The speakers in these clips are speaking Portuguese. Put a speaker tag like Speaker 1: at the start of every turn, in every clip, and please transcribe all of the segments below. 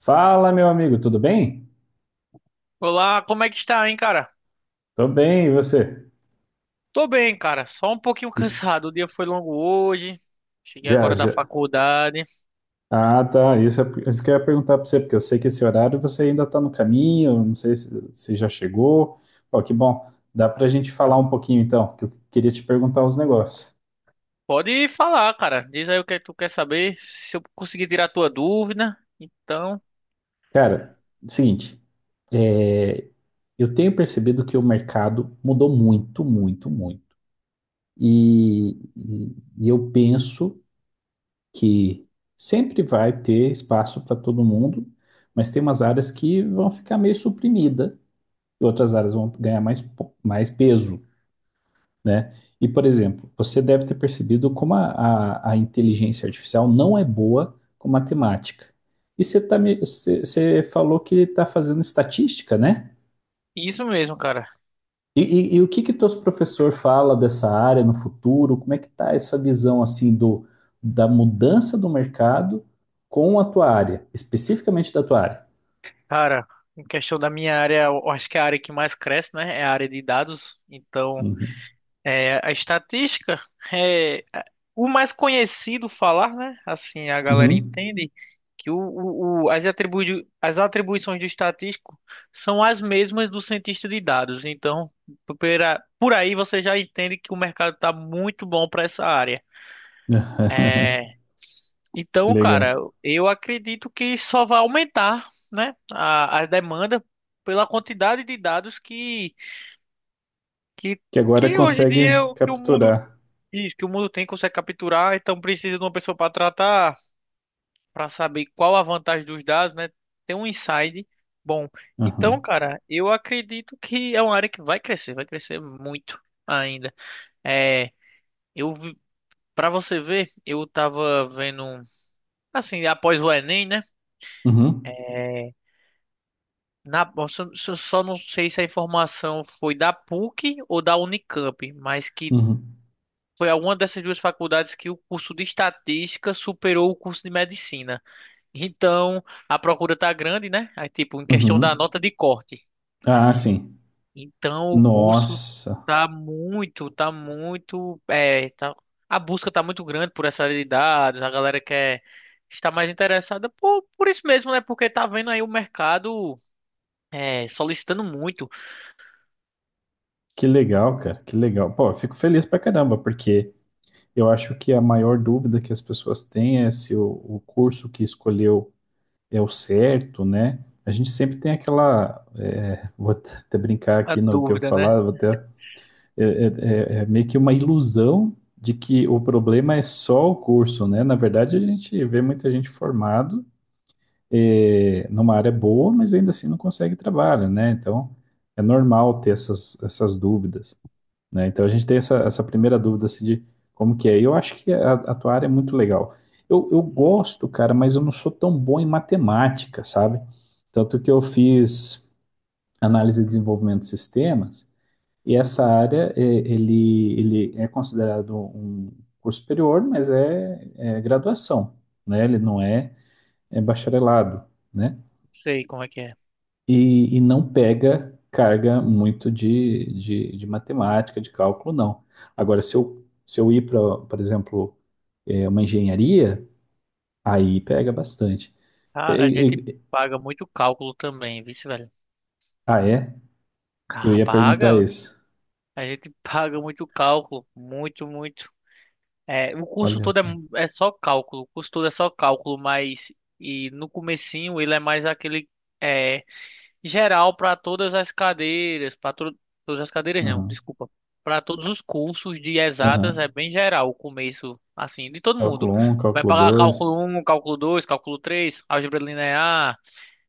Speaker 1: Fala, meu amigo, tudo bem?
Speaker 2: Olá, como é que está, hein, cara?
Speaker 1: Tô bem, e você?
Speaker 2: Tô bem, cara. Só um pouquinho
Speaker 1: Ih,
Speaker 2: cansado. O dia foi longo hoje. Cheguei
Speaker 1: já,
Speaker 2: agora da
Speaker 1: já.
Speaker 2: faculdade.
Speaker 1: Ah, tá. Isso, isso que eu ia perguntar pra você, porque eu sei que esse horário você ainda tá no caminho, não sei se já chegou. Ó, que bom. Dá pra gente falar um pouquinho então, que eu queria te perguntar uns negócios.
Speaker 2: Pode falar, cara. Diz aí o que tu quer saber, se eu conseguir tirar a tua dúvida. Então,
Speaker 1: Cara, seguinte, é, eu tenho percebido que o mercado mudou muito, muito, muito. E, e eu penso que sempre vai ter espaço para todo mundo, mas tem umas áreas que vão ficar meio suprimida e outras áreas vão ganhar mais, mais peso, né? E, por exemplo, você deve ter percebido como a inteligência artificial não é boa com matemática. E você, tá, você falou que está fazendo estatística, né?
Speaker 2: isso mesmo, cara.
Speaker 1: E o que que teus professor fala dessa área no futuro? Como é que tá essa visão assim do da mudança do mercado com a tua área, especificamente da tua área?
Speaker 2: Cara, em questão da minha área, eu acho que é a área que mais cresce, né, é a área de dados. Então,
Speaker 1: Uhum.
Speaker 2: é, a estatística é a- o mais conhecido falar, né? Assim a galera
Speaker 1: Uhum.
Speaker 2: entende que as atribuições do estatístico são as mesmas do cientista de dados. Então, por aí você já entende que o mercado está muito bom para essa área. Então,
Speaker 1: Legal.
Speaker 2: cara, eu acredito que só vai aumentar, né, a demanda pela quantidade de dados que,
Speaker 1: Que agora
Speaker 2: que hoje em dia
Speaker 1: consegue
Speaker 2: o que o mundo...
Speaker 1: capturar.
Speaker 2: Isso, que o mundo tem consegue capturar, então precisa de uma pessoa para tratar, para saber qual a vantagem dos dados, né? Tem um insight bom. Então,
Speaker 1: Uhum.
Speaker 2: cara, eu acredito que é uma área que vai crescer muito ainda. É, eu para você ver, eu tava vendo assim, após o Enem, né?
Speaker 1: Uhum.
Speaker 2: É, na, eu só, só só não sei se a informação foi da PUC ou da Unicamp, mas que
Speaker 1: Uhum.
Speaker 2: foi alguma dessas duas faculdades que o curso de estatística superou o curso de medicina. Então, a procura tá grande, né? Aí, tipo, em questão da
Speaker 1: Uhum.
Speaker 2: nota de corte.
Speaker 1: Ah,
Speaker 2: É.
Speaker 1: sim.
Speaker 2: Então, o curso
Speaker 1: Nossa,
Speaker 2: tá muito, tá muito, é, tá, a busca tá muito grande por essa área de dados, a galera quer estar mais interessada por isso mesmo, né? Porque tá vendo aí o mercado, é, solicitando muito
Speaker 1: que legal, cara, que legal. Pô, eu fico feliz pra caramba, porque eu acho que a maior dúvida que as pessoas têm é se o curso que escolheu é o certo, né? A gente sempre tem aquela. É, vou até até brincar
Speaker 2: a
Speaker 1: aqui no que eu
Speaker 2: dúvida, né?
Speaker 1: falar, vou até, é, é- é meio que uma ilusão de que o problema é só o curso, né? Na verdade, a gente vê muita gente formado, é, numa área boa, mas ainda assim não consegue trabalho, né? Então é normal ter essas dúvidas, né? Então a gente tem essa primeira dúvida assim, de como que é. Eu acho que a tua área é muito legal. Eu gosto, cara, mas eu não sou tão bom em matemática, sabe? Tanto que eu fiz análise e desenvolvimento de sistemas, e essa área, é, ele é considerado um curso superior, mas é graduação, né? Ele não é, é bacharelado, né?
Speaker 2: Sei como é que é.
Speaker 1: E não pega carga muito de matemática, de cálculo, não. Agora, se eu ir para, por exemplo, é, uma engenharia, aí pega bastante. E-
Speaker 2: Cara, a gente
Speaker 1: e- e-
Speaker 2: paga muito cálculo também, vice, velho.
Speaker 1: ah, é? Eu
Speaker 2: Cara,
Speaker 1: ia perguntar
Speaker 2: paga,
Speaker 1: isso.
Speaker 2: a gente paga muito cálculo, muito, muito. É, o curso
Speaker 1: Olha
Speaker 2: todo é,
Speaker 1: só.
Speaker 2: é só cálculo, o curso todo é só cálculo, mas e no comecinho ele é mais aquele é, geral para todas as cadeiras, para todas as cadeiras não,
Speaker 1: Aham,
Speaker 2: desculpa, para todos os cursos de exatas
Speaker 1: aham.
Speaker 2: é bem geral o começo, assim, de todo mundo.
Speaker 1: Cálculo um,
Speaker 2: Vai
Speaker 1: cálculo
Speaker 2: pagar
Speaker 1: dois.
Speaker 2: cálculo um, cálculo 2, cálculo 3, álgebra linear,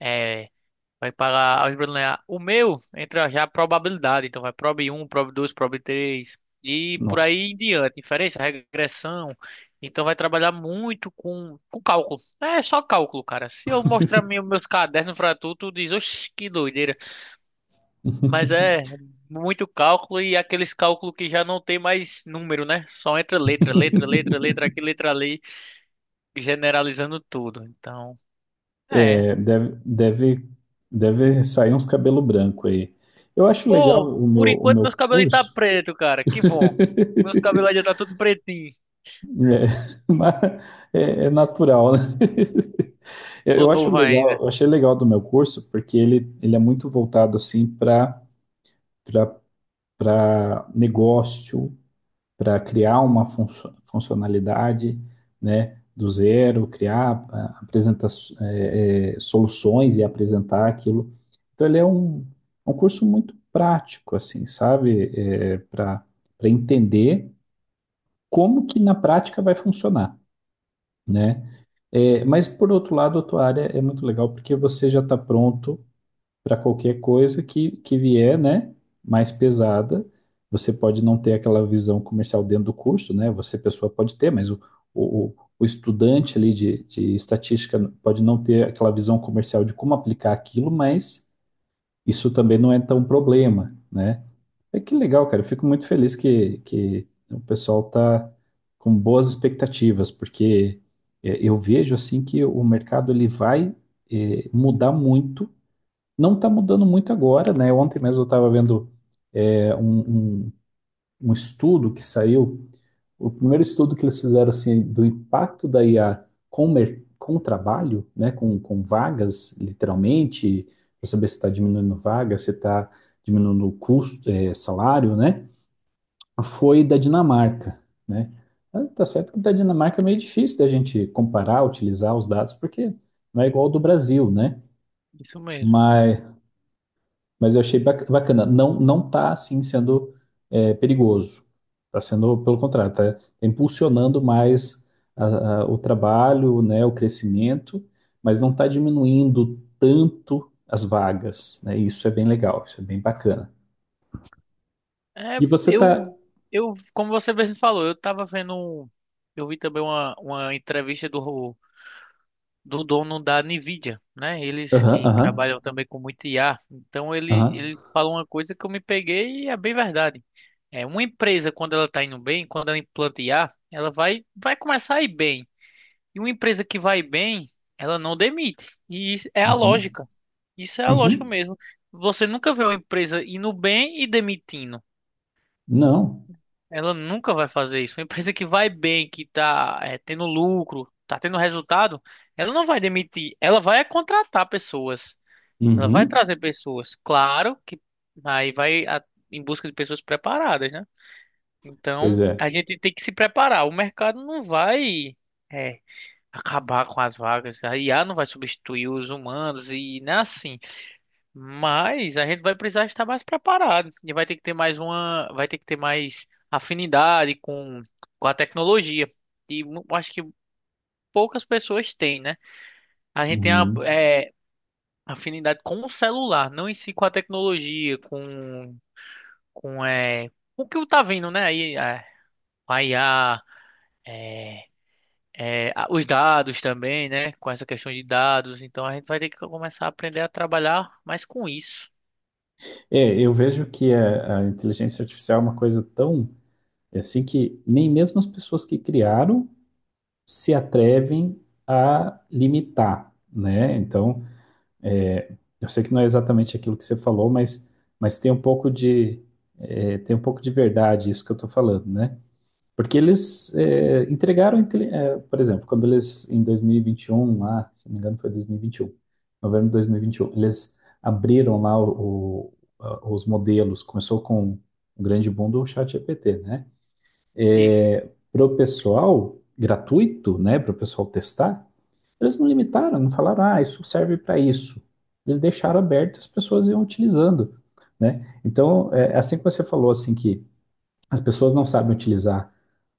Speaker 2: é, vai pagar álgebra linear. O meu entra já a probabilidade. Então vai prob um prob 2 prob 3 e por aí
Speaker 1: Nossa.
Speaker 2: em diante. Inferência, regressão. Então vai trabalhar muito com cálculo. É só cálculo, cara. Se eu mostrar meus cadernos pra tu, tu diz, oxe, que doideira. Mas é muito cálculo e aqueles cálculos que já não tem mais número, né? Só entra letra, letra, letra, letra aqui, letra ali, generalizando tudo. Então, é,
Speaker 1: É, deve sair uns cabelo branco aí. Eu acho
Speaker 2: pô,
Speaker 1: legal
Speaker 2: por
Speaker 1: o
Speaker 2: enquanto
Speaker 1: meu
Speaker 2: meus cabelos tá
Speaker 1: curso.
Speaker 2: preto, cara. Que bom. Meus cabelos já tá tudo pretinho.
Speaker 1: É, mas é natural, né? Eu
Speaker 2: Tô
Speaker 1: eu acho
Speaker 2: novo
Speaker 1: legal,
Speaker 2: ainda.
Speaker 1: eu achei legal do meu curso, porque ele é muito voltado assim para para negócio, para criar uma funcionalidade, né, do zero, criar, apresentar, soluções e apresentar aquilo. Então ele é um, um curso muito prático, assim, sabe? É, para para entender como que na prática vai funcionar, né? É, mas por outro lado, a tua área é muito legal porque você já está pronto para qualquer coisa que vier, né? Mais pesada. Você pode não ter aquela visão comercial dentro do curso, né? Você, pessoa, pode ter, mas o, o estudante ali de estatística pode não ter aquela visão comercial de como aplicar aquilo, mas isso também não é tão problema, né? É que legal, cara. Eu fico muito feliz que o pessoal tá com boas expectativas, porque é, eu vejo assim que o mercado ele vai é, mudar muito. Não está mudando muito agora, né? Ontem mesmo eu estava vendo é, um, um estudo que saiu, o primeiro estudo que eles fizeram assim do impacto da IA com, com o trabalho, né? Com vagas, literalmente, para saber se está diminuindo vaga, se está diminuindo o custo, é, salário, né? Foi da Dinamarca, né? Ah, tá certo que da Dinamarca é meio difícil da gente comparar, utilizar os dados, porque não é igual ao do Brasil, né?
Speaker 2: Isso mesmo.
Speaker 1: Mas, mas eu achei bacana. Não, não tá, assim, sendo é, perigoso. Tá sendo, pelo contrário, tá impulsionando mais o trabalho, né, o crescimento, mas não tá diminuindo tanto as vagas, né? Isso é bem legal, isso é bem bacana.
Speaker 2: É,
Speaker 1: E você tá...
Speaker 2: como você mesmo falou, eu tava vendo, eu vi também uma entrevista do, do dono da Nvidia, né? Eles
Speaker 1: Aham,
Speaker 2: que
Speaker 1: aham,
Speaker 2: trabalham também com muito IA. Então ele,
Speaker 1: aham,
Speaker 2: ele falou uma coisa que eu me peguei e é bem verdade. É, uma empresa, quando ela tá indo bem, quando ela implanta IA, ela vai, vai começar a ir bem. E uma empresa que vai bem, ela não demite. E isso é a
Speaker 1: uhum,
Speaker 2: lógica. Isso é a lógica
Speaker 1: uhum.
Speaker 2: mesmo. Você nunca vê uma empresa indo bem e demitindo.
Speaker 1: Não.
Speaker 2: Ela nunca vai fazer isso. Uma empresa que vai bem, que tá, eh, tendo lucro, tá tendo resultado, ela não vai demitir. Ela vai contratar pessoas. Ela vai
Speaker 1: Uhum.
Speaker 2: trazer pessoas. Claro que aí vai a- em busca de pessoas preparadas, né?
Speaker 1: Pois
Speaker 2: Então,
Speaker 1: é.
Speaker 2: a gente tem que se preparar. O mercado não vai, é, acabar com as vagas. A IA não vai substituir os humanos e não é assim. Mas a gente vai precisar estar mais preparado e vai ter que ter vai ter que ter mais afinidade com a tecnologia. E acho que poucas pessoas têm, né? A gente tem a,
Speaker 1: Uhum.
Speaker 2: é, afinidade com o celular, não em si com a tecnologia, com é, o que tá vindo, né? Aí é, a IA, é, os dados também, né? Com essa questão de dados, então a gente vai ter que começar a aprender a trabalhar mais com isso.
Speaker 1: É, eu vejo que a inteligência artificial é uma coisa tão é assim que nem mesmo as pessoas que criaram se atrevem a limitar, né? Então, é, eu sei que não é exatamente aquilo que você falou, mas tem um pouco de é, tem um pouco de verdade isso que eu estou falando, né? Porque eles é, entregaram, é, por exemplo, quando eles, em 2021, lá, se não me engano foi 2021, novembro de 2021, eles abriram lá os modelos, começou com o grande boom do ChatGPT, né?
Speaker 2: Isso.
Speaker 1: Para o pessoal, gratuito, né, para o pessoal testar, eles não limitaram, não falaram, ah, isso serve para isso. Eles deixaram aberto e as pessoas iam utilizando, né? Então, é assim que você falou, assim, que as pessoas não sabem utilizar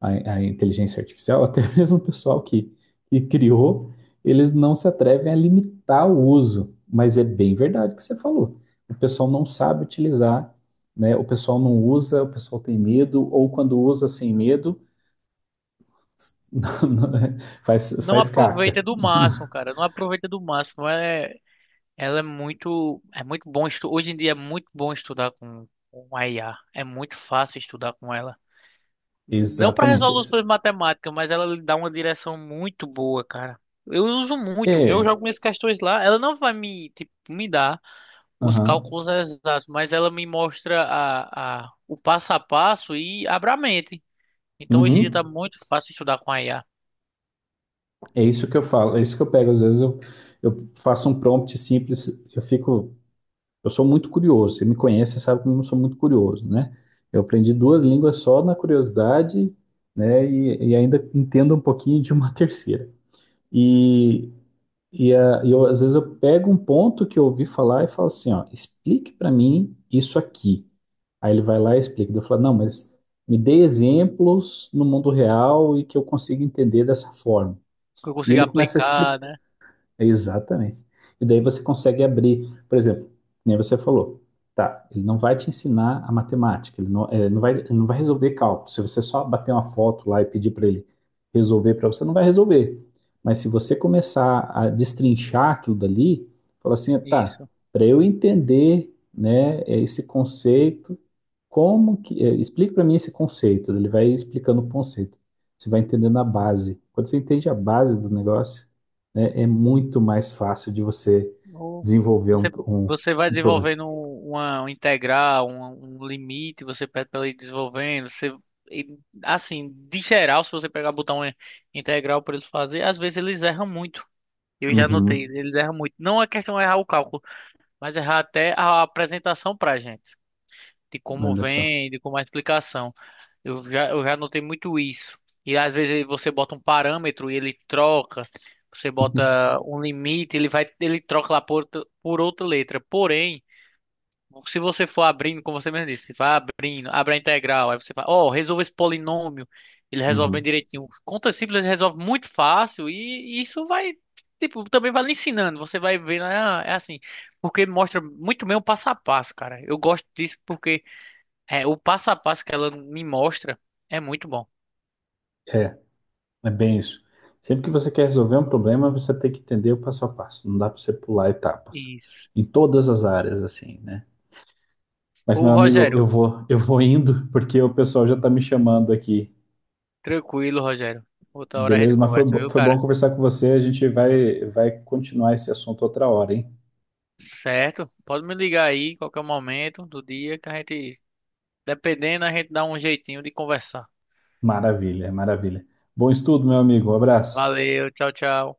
Speaker 1: a, a inteligência artificial, até mesmo o pessoal que criou, eles não se atrevem a limitar o uso. Mas é bem verdade o que você falou. O pessoal não sabe utilizar, né? O pessoal não usa, o pessoal tem medo, ou quando usa sem medo, não- não é- faz,
Speaker 2: Não
Speaker 1: faz caca.
Speaker 2: aproveita do máximo, cara. Não aproveita do máximo. É, ela é muito bom hoje em dia é muito bom estudar com a IA. É muito fácil estudar com ela. Não para
Speaker 1: Exatamente
Speaker 2: resoluções
Speaker 1: isso.
Speaker 2: matemáticas, mas ela lhe dá uma direção muito boa, cara. Eu uso muito. Eu
Speaker 1: É,
Speaker 2: jogo minhas questões lá. Ela não vai me, tipo, me dar os
Speaker 1: aham,
Speaker 2: cálculos exatos, mas ela me mostra a, o passo a passo e abre a mente. Então hoje em dia tá
Speaker 1: uhum.
Speaker 2: muito fácil estudar com a IA.
Speaker 1: É isso que eu falo, é isso que eu pego. Às vezes eu faço um prompt simples, eu fico. Eu sou muito curioso. Você me conhece, você sabe como eu sou muito curioso, né? Eu aprendi duas línguas só na curiosidade, né? Ainda entendo um pouquinho de uma terceira. E, e eu, às vezes eu pego um ponto que eu ouvi falar e falo assim, ó, explique para mim isso aqui. Aí ele vai lá e explica. Daí eu falo, não, mas me dê exemplos no mundo real e que eu consiga entender dessa forma.
Speaker 2: Que eu
Speaker 1: E
Speaker 2: consigo
Speaker 1: ele começa a
Speaker 2: aplicar,
Speaker 1: explicar.
Speaker 2: né?
Speaker 1: Exatamente. E daí você consegue abrir, por exemplo, nem você falou, tá, ele não vai te ensinar a matemática, ele não, não vai, ele não vai resolver cálculo. Se você só bater uma foto lá e pedir para ele resolver para você, não vai resolver. Mas se você começar a destrinchar aquilo dali, falar assim, tá,
Speaker 2: Isso.
Speaker 1: para eu entender, né, esse conceito, como que, explica para mim esse conceito, ele vai explicando o conceito. Você vai entendendo a base. Quando você entende a base do negócio, é, é muito mais fácil de você
Speaker 2: Ou
Speaker 1: desenvolver
Speaker 2: Você, você vai
Speaker 1: um problema.
Speaker 2: desenvolvendo uma, um integral, um limite, você pede para ele ir desenvolvendo. Você, e, assim, de geral, se você pegar botar uma integral para eles fazer, às vezes eles erram muito. Eu já notei,
Speaker 1: Uhum,
Speaker 2: eles erram muito. Não é questão de errar o cálculo, mas errar até a apresentação para a gente, de como
Speaker 1: olha só.
Speaker 2: vem, de como é a explicação. Eu já notei muito isso. E às vezes você bota um parâmetro e ele troca. Você bota um limite, ele vai, ele troca lá por, por outra letra. Porém, se você for abrindo, como você mesmo disse, vai abrindo, abre a integral, aí você fala, ó, resolve esse polinômio. Ele resolve bem
Speaker 1: Uhum.
Speaker 2: direitinho. Conta simples ele resolve muito fácil e isso vai, tipo, também vai lhe ensinando. Você vai vendo, ah, é assim, porque mostra muito bem o passo a passo, cara. Eu gosto disso porque é, o passo a passo que ela me mostra é muito bom.
Speaker 1: É, é bem isso. Sempre que você quer resolver um problema, você tem que entender o passo a passo. Não dá para você pular etapas.
Speaker 2: Isso.
Speaker 1: Em todas as áreas, assim, né? Mas, meu
Speaker 2: Ô,
Speaker 1: amigo,
Speaker 2: Rogério,
Speaker 1: eu vou indo, porque o pessoal já está me chamando aqui.
Speaker 2: tranquilo, Rogério. Outra hora a gente
Speaker 1: Beleza? Mas foi,
Speaker 2: conversa, viu,
Speaker 1: foi bom
Speaker 2: cara?
Speaker 1: conversar com você. A gente vai, vai continuar esse assunto outra hora, hein?
Speaker 2: Certo? Pode me ligar aí, qualquer momento do dia, que a gente, dependendo, a gente dá um jeitinho de conversar.
Speaker 1: Maravilha, maravilha. Bom estudo, meu amigo. Um abraço.
Speaker 2: Valeu, tchau, tchau.